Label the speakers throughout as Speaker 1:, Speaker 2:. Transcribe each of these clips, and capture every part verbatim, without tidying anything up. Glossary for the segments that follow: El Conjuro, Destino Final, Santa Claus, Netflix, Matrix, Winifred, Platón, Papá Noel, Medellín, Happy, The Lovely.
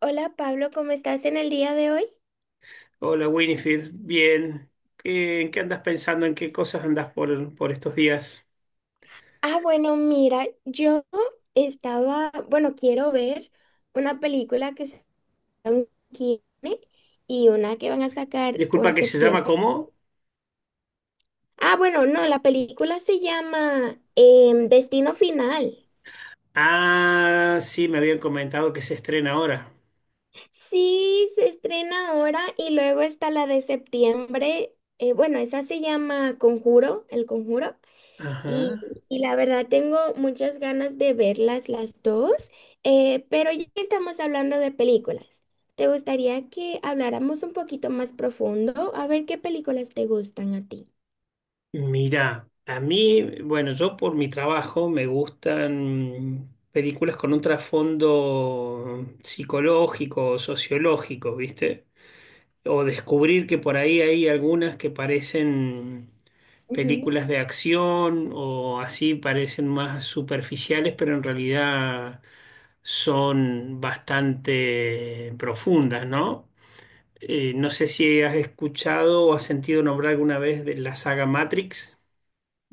Speaker 1: Hola Pablo, ¿cómo estás en el día de hoy?
Speaker 2: Hola Winifred, bien. ¿Qué- En qué andas pensando? ¿En qué cosas andas por, por estos días?
Speaker 1: Ah, bueno, mira, yo estaba, bueno, quiero ver una película que sacaron aquí y una que van a sacar
Speaker 2: Disculpa,
Speaker 1: por
Speaker 2: ¿que se llama
Speaker 1: septiembre.
Speaker 2: cómo?
Speaker 1: Ah, bueno, no, la película se llama em, Destino Final.
Speaker 2: Ah, sí, me habían comentado que se estrena ahora.
Speaker 1: Sí, se estrena ahora y luego está la de septiembre. eh, bueno, esa se llama Conjuro, El Conjuro. Y,
Speaker 2: Ajá.
Speaker 1: y la verdad tengo muchas ganas de verlas las dos, eh, pero ya que estamos hablando de películas, ¿te gustaría que habláramos un poquito más profundo? A ver qué películas te gustan a ti.
Speaker 2: Mira, a mí, bueno, yo por mi trabajo me gustan películas con un trasfondo psicológico, sociológico, ¿viste? O descubrir que por ahí hay algunas que parecen
Speaker 1: Ujú.
Speaker 2: películas de acción o así parecen más superficiales, pero en realidad son bastante profundas, ¿no? Eh, no sé si has escuchado o has sentido nombrar alguna vez de la saga Matrix.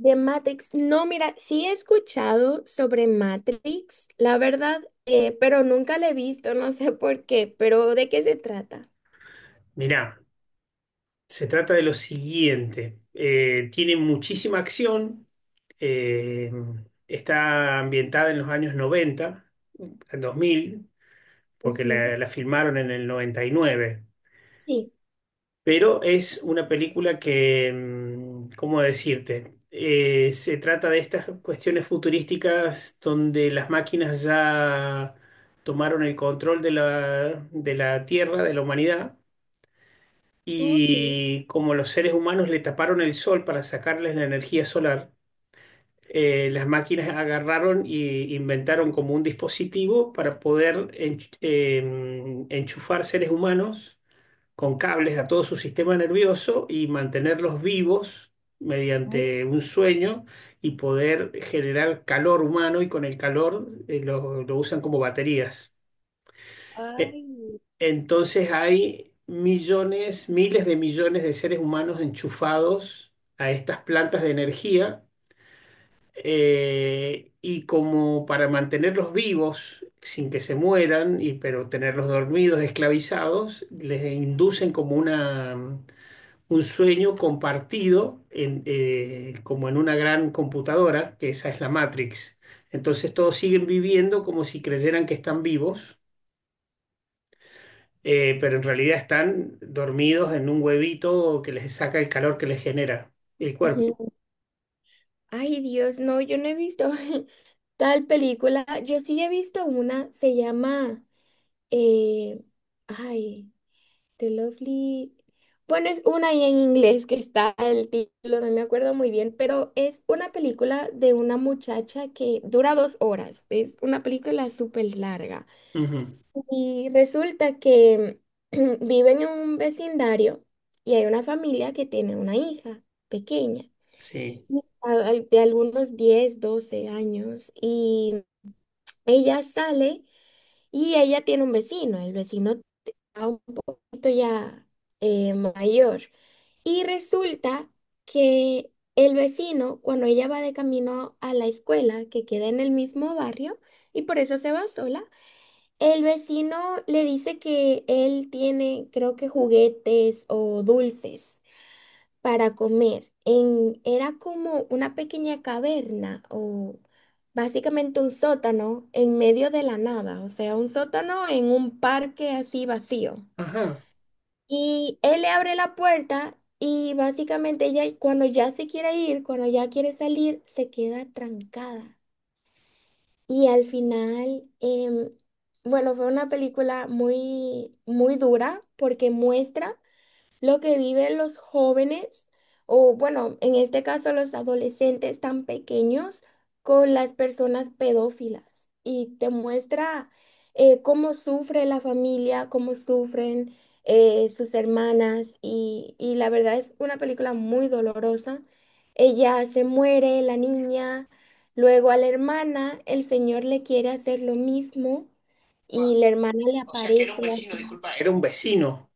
Speaker 1: De Matrix, no, mira, sí he escuchado sobre Matrix, la verdad, eh, pero nunca la he visto, no sé por qué, pero ¿de qué se trata?
Speaker 2: Mirá, se trata de lo siguiente. Eh, tiene muchísima acción. eh, Está ambientada en los años noventa en dos mil, porque
Speaker 1: Ujú.
Speaker 2: la, la filmaron en el noventa y nueve.
Speaker 1: Sí,
Speaker 2: Pero es una película que, mm, ¿cómo decirte? Eh, se trata de estas cuestiones futurísticas donde las máquinas ya tomaron el control de la, de la Tierra, de la humanidad,
Speaker 1: ok.
Speaker 2: y como los seres humanos le taparon el sol para sacarles la energía solar, eh, las máquinas agarraron y inventaron como un dispositivo para poder ench- em, enchufar seres humanos con cables a todo su sistema nervioso y mantenerlos vivos
Speaker 1: Ay,
Speaker 2: mediante un sueño y poder generar calor humano y con el calor eh, lo, lo usan como baterías. E-
Speaker 1: ay,
Speaker 2: Entonces hay millones, miles de millones de seres humanos enchufados a estas plantas de energía, eh, y como para mantenerlos vivos sin que se mueran, y, pero tenerlos dormidos, esclavizados, les inducen como una un sueño compartido en, eh, como en una gran computadora, que esa es la Matrix. Entonces todos siguen viviendo como si creyeran que están vivos, eh, pero en realidad están dormidos en un huevito que les saca el calor que les genera el cuerpo.
Speaker 1: ujú. Ay, Dios, no, yo no he visto. Tal película, yo sí he visto una, se llama, eh, ay, The Lovely. Bueno, es una ahí en inglés que está el título, no me acuerdo muy bien, pero es una película de una muchacha que dura dos horas. Es una película súper larga.
Speaker 2: Ujú.
Speaker 1: Y resulta que vive en un vecindario y hay una familia que tiene una hija pequeña,
Speaker 2: Sí.
Speaker 1: a- al- de algunos diez doce años, y ella sale. Y ella tiene un vecino, el vecino está un poquito ya eh, mayor. Y resulta que el vecino, cuando ella va de camino a la escuela, que queda en el mismo barrio, y por eso se va sola, el vecino le dice que él tiene, creo que juguetes o dulces para comer. En, era como una pequeña caverna o básicamente un sótano en medio de la nada, o sea, un sótano en un parque así vacío.
Speaker 2: Ajá.
Speaker 1: Y él le abre la puerta y básicamente ella cuando ya se quiere ir, cuando ya quiere salir, se queda trancada. Y al final, em, bueno, fue una película muy, muy dura porque muestra lo que viven los jóvenes, o bueno, en este caso los adolescentes tan pequeños, con las personas pedófilas. Y te muestra eh, cómo sufre la familia, cómo sufren eh, sus hermanas. Y, y la verdad es una película muy dolorosa. Ella se muere, la niña. Luego a la hermana, el señor le quiere hacer lo mismo
Speaker 2: Guau.
Speaker 1: y la hermana le
Speaker 2: O sea, que era un
Speaker 1: aparece
Speaker 2: vecino,
Speaker 1: así.
Speaker 2: disculpa, era un un... vecino,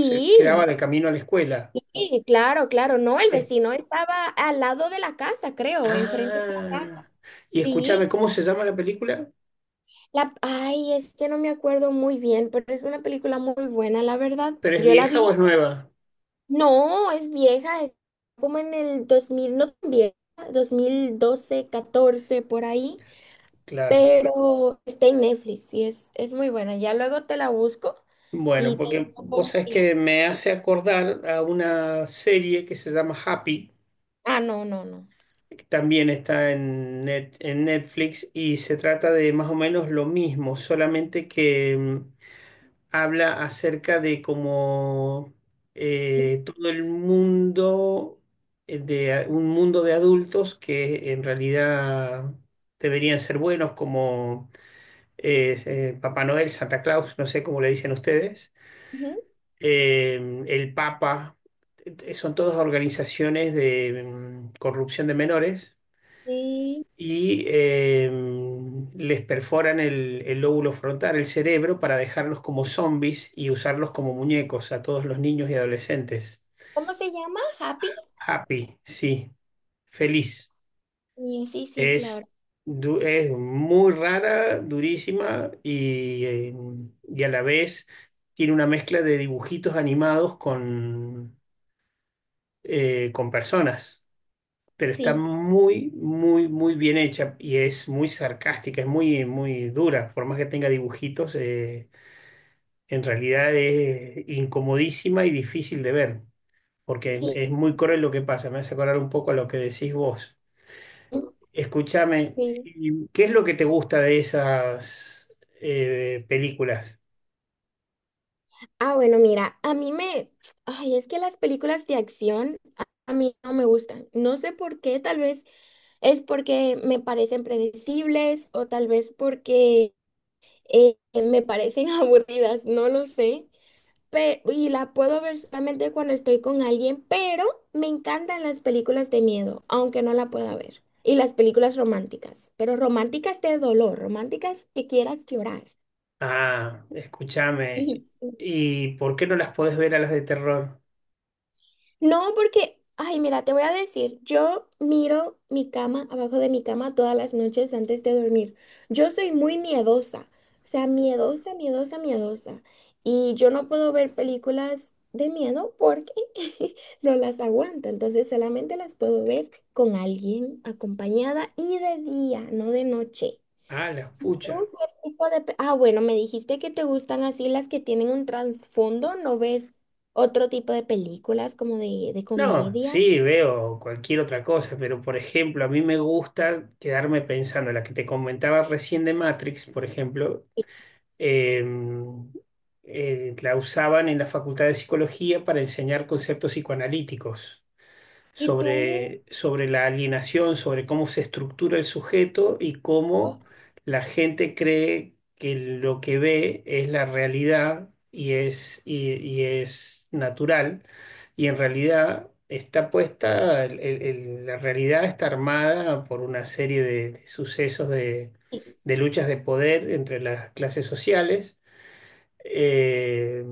Speaker 2: se quedaba de camino a la escuela.
Speaker 1: sí, claro, claro, no, el
Speaker 2: Es-
Speaker 1: vecino estaba al lado de la casa, creo, enfrente de la
Speaker 2: ah,
Speaker 1: casa.
Speaker 2: y
Speaker 1: Sí,
Speaker 2: escúchame, ¿cómo se llama la película?
Speaker 1: la, ay, es que no me acuerdo muy bien, pero es una película muy buena, la verdad.
Speaker 2: ¿Pero es
Speaker 1: Yo la
Speaker 2: vieja
Speaker 1: vi,
Speaker 2: o es nueva?
Speaker 1: no, es vieja, es como en el dos mil, no tan vieja, dos mil doce, catorce, por ahí,
Speaker 2: Claro.
Speaker 1: pero está en Netflix y es, es muy buena. Ya luego te la busco
Speaker 2: Bueno,
Speaker 1: y te
Speaker 2: porque
Speaker 1: digo
Speaker 2: vos
Speaker 1: cómo
Speaker 2: sabés
Speaker 1: se llama.
Speaker 2: que me hace acordar a una serie que se llama Happy,
Speaker 1: Ah, no, no, no.
Speaker 2: que también está en, net- en Netflix, y se trata de más o menos lo mismo, solamente que mm, habla acerca de cómo eh, todo el mundo, eh, de a- un mundo de adultos que en realidad deberían ser buenos, como eh, eh, Papá Noel, Santa Claus, no sé cómo le dicen ustedes,
Speaker 1: Ujú,
Speaker 2: eh, el Papa, eh, son todas organizaciones de mm, corrupción de menores,
Speaker 1: sí.
Speaker 2: y eh, les perforan el, el lóbulo frontal, el cerebro, para dejarlos como zombies y usarlos como muñecos a todos los niños y adolescentes.
Speaker 1: ¿Cómo se llama? ¿Happy?
Speaker 2: Happy, sí, feliz.
Speaker 1: Sí, sí, sí,
Speaker 2: Es,
Speaker 1: claro.
Speaker 2: du- es muy rara, durísima y, eh, y a la vez tiene una mezcla de dibujitos animados con, eh, con personas. Pero está
Speaker 1: Sí,
Speaker 2: muy, muy, muy bien hecha y es muy sarcástica, es muy, muy dura. Por más que tenga dibujitos, eh, en realidad es incomodísima y difícil de ver, porque
Speaker 1: sí,
Speaker 2: es, muy cruel lo que pasa. Me hace acordar un poco a lo que decís vos. Escúchame,
Speaker 1: sí.
Speaker 2: ¿y ¿qué es lo que te gusta de esas eh, películas?
Speaker 1: Ah, bueno, mira, a mí me... Ay, es que las películas de acción a a mí no me gustan. No sé por qué, tal vez es porque me parecen predecibles o tal vez porque eh, me parecen aburridas, no lo sé. Pero, y la puedo ver solamente cuando estoy con alguien, pero me encantan las películas de miedo, aunque no la pueda ver. Y las películas románticas, pero románticas de dolor, románticas que quieras llorar.
Speaker 2: Ah, escúchame.
Speaker 1: Y-
Speaker 2: ¿Y por qué no las podés ver a las de terror?
Speaker 1: no, porque, ay, mira, te voy a decir, yo miro mi cama, abajo de mi cama todas las noches antes de dormir. Yo soy muy miedosa, o sea, miedosa, miedosa, miedosa. Y yo no puedo ver películas de miedo porque no las aguanto. Entonces solamente las puedo ver con alguien acompañada y de día, no de noche.
Speaker 2: Ah, las
Speaker 1: Tú
Speaker 2: pucha.
Speaker 1: qué tipo de... pe- Ah, bueno, me dijiste que te gustan así las que tienen un trasfondo, ¿no ves otro tipo de películas como de, de
Speaker 2: No,
Speaker 1: comedia?
Speaker 2: sí, veo cualquier otra cosa, pero por ejemplo, a mí me gusta quedarme pensando, la que te comentaba recién de Matrix, por ejemplo,
Speaker 1: ¿Y
Speaker 2: em, eh, la usaban en la Facultad de Psicología para enseñar conceptos psicoanalíticos
Speaker 1: y tú?
Speaker 2: sobre, sobre la alienación, sobre cómo se estructura el sujeto y cómo la gente cree que lo que ve es la realidad y es, y, y es natural, y en realidad está puesta, el- el- el- la realidad está armada por una serie de, de sucesos de
Speaker 1: Sí,
Speaker 2: de luchas de poder entre las clases sociales, eh,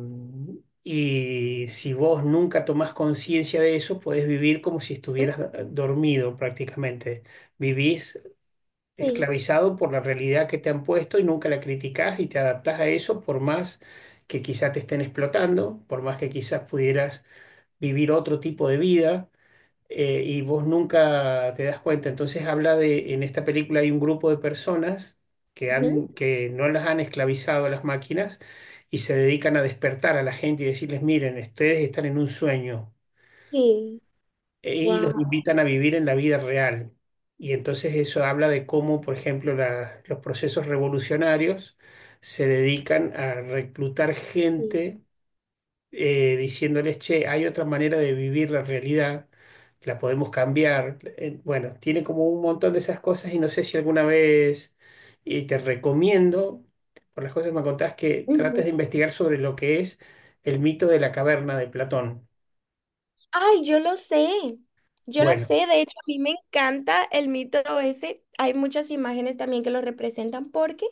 Speaker 2: y si vos nunca tomás conciencia de eso, podés vivir como si
Speaker 1: ah,
Speaker 2: estuvieras do- dormido prácticamente. Vivís
Speaker 1: sí.
Speaker 2: esclavizado por la realidad que te han puesto y nunca la criticás y te adaptás a eso por más que quizás te estén explotando, por más que quizás pudieras vivir otro tipo de vida, eh, y vos nunca te das cuenta. Entonces habla de, en esta película hay un grupo de personas que
Speaker 1: Ujú,
Speaker 2: han, que no las han esclavizado a las máquinas, y se dedican a despertar a la gente y decirles, miren, ustedes están en un sueño,
Speaker 1: sí.
Speaker 2: eh, y los
Speaker 1: Wow.
Speaker 2: invitan a vivir en la vida real. Y entonces eso habla de cómo, por ejemplo, la- los procesos revolucionarios se dedican a reclutar
Speaker 1: Sí.
Speaker 2: gente, eh, diciéndoles, che, hay otra manera de vivir la realidad, la podemos cambiar. Eh, bueno, tiene como un montón de esas cosas y no sé si alguna vez, y te recomiendo, por las cosas que me contás, que trates
Speaker 1: Ujú.
Speaker 2: de investigar sobre lo que es el mito de la caverna de Platón.
Speaker 1: Ay, yo lo sé. Yo lo
Speaker 2: Bueno,
Speaker 1: sé. De hecho, a mí me encanta el mito ese. Hay muchas imágenes también que lo representan porque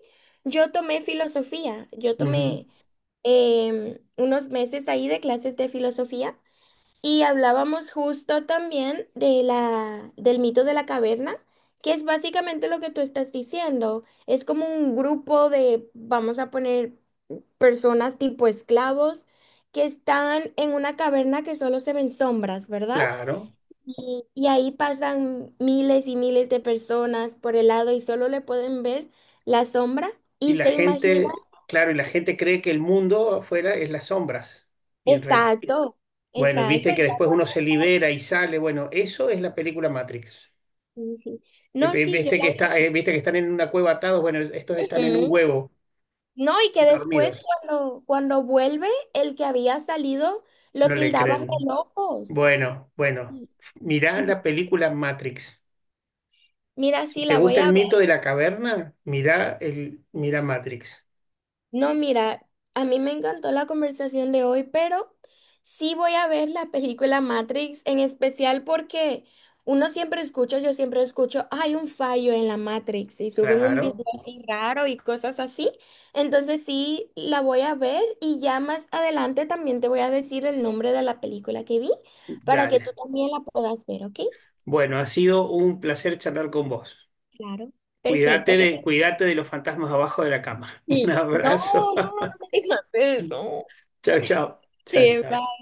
Speaker 1: yo tomé filosofía. Yo
Speaker 2: ujú,
Speaker 1: tomé em, unos meses ahí de clases de filosofía. Y hablábamos justo también de la, del mito de la caverna, que es básicamente lo que tú estás diciendo. Es como un grupo de, vamos a poner, personas tipo esclavos que están en una caverna que solo se ven sombras, ¿verdad?
Speaker 2: claro.
Speaker 1: Y, y ahí pasan miles y miles de personas por el lado y solo le pueden ver la sombra
Speaker 2: Y
Speaker 1: y
Speaker 2: la
Speaker 1: se imagina.
Speaker 2: gente, claro, y la gente cree que el mundo afuera es las sombras. Y en realidad,
Speaker 1: Exacto,
Speaker 2: bueno,
Speaker 1: exacto.
Speaker 2: viste
Speaker 1: Ya,
Speaker 2: que después uno se libera y sale. Bueno, eso es la película Matrix.
Speaker 1: sí, sí.
Speaker 2: Eh,
Speaker 1: No,
Speaker 2: eh,
Speaker 1: sí, yo
Speaker 2: Viste que está,
Speaker 1: la...
Speaker 2: eh, viste que están en una cueva atados. Bueno, estos están en un
Speaker 1: Ujú.
Speaker 2: huevo,
Speaker 1: No, y que después
Speaker 2: dormidos.
Speaker 1: cuando, cuando vuelve, el que había salido lo
Speaker 2: No le
Speaker 1: tildaban de
Speaker 2: creen.
Speaker 1: locos.
Speaker 2: Bueno, bueno. Mirá la película Matrix.
Speaker 1: Mira,
Speaker 2: Si
Speaker 1: sí,
Speaker 2: te
Speaker 1: la voy
Speaker 2: gusta
Speaker 1: a
Speaker 2: el mito de la caverna, mirá el, mirá Matrix.
Speaker 1: no, mira, a mí me encantó la conversación de hoy, pero sí voy a ver la película Matrix, en especial porque uno siempre escucha, yo siempre escucho, hay un fallo en la Matrix y suben un
Speaker 2: Claro.
Speaker 1: video así raro y cosas así. Entonces sí, la voy a ver y ya más adelante también te voy a decir el nombre de la película que vi para que tú
Speaker 2: Dale.
Speaker 1: también la puedas ver, ¿ok?
Speaker 2: Bueno, ha sido un placer charlar con vos.
Speaker 1: Claro. Perfecto,
Speaker 2: Cuídate
Speaker 1: ¿qué tal?
Speaker 2: de, cuídate de los fantasmas abajo de la cama. Un
Speaker 1: Sí. No,
Speaker 2: abrazo.
Speaker 1: no, no me digas eso.
Speaker 2: Chao, chao. Chao,
Speaker 1: Sí,
Speaker 2: chao.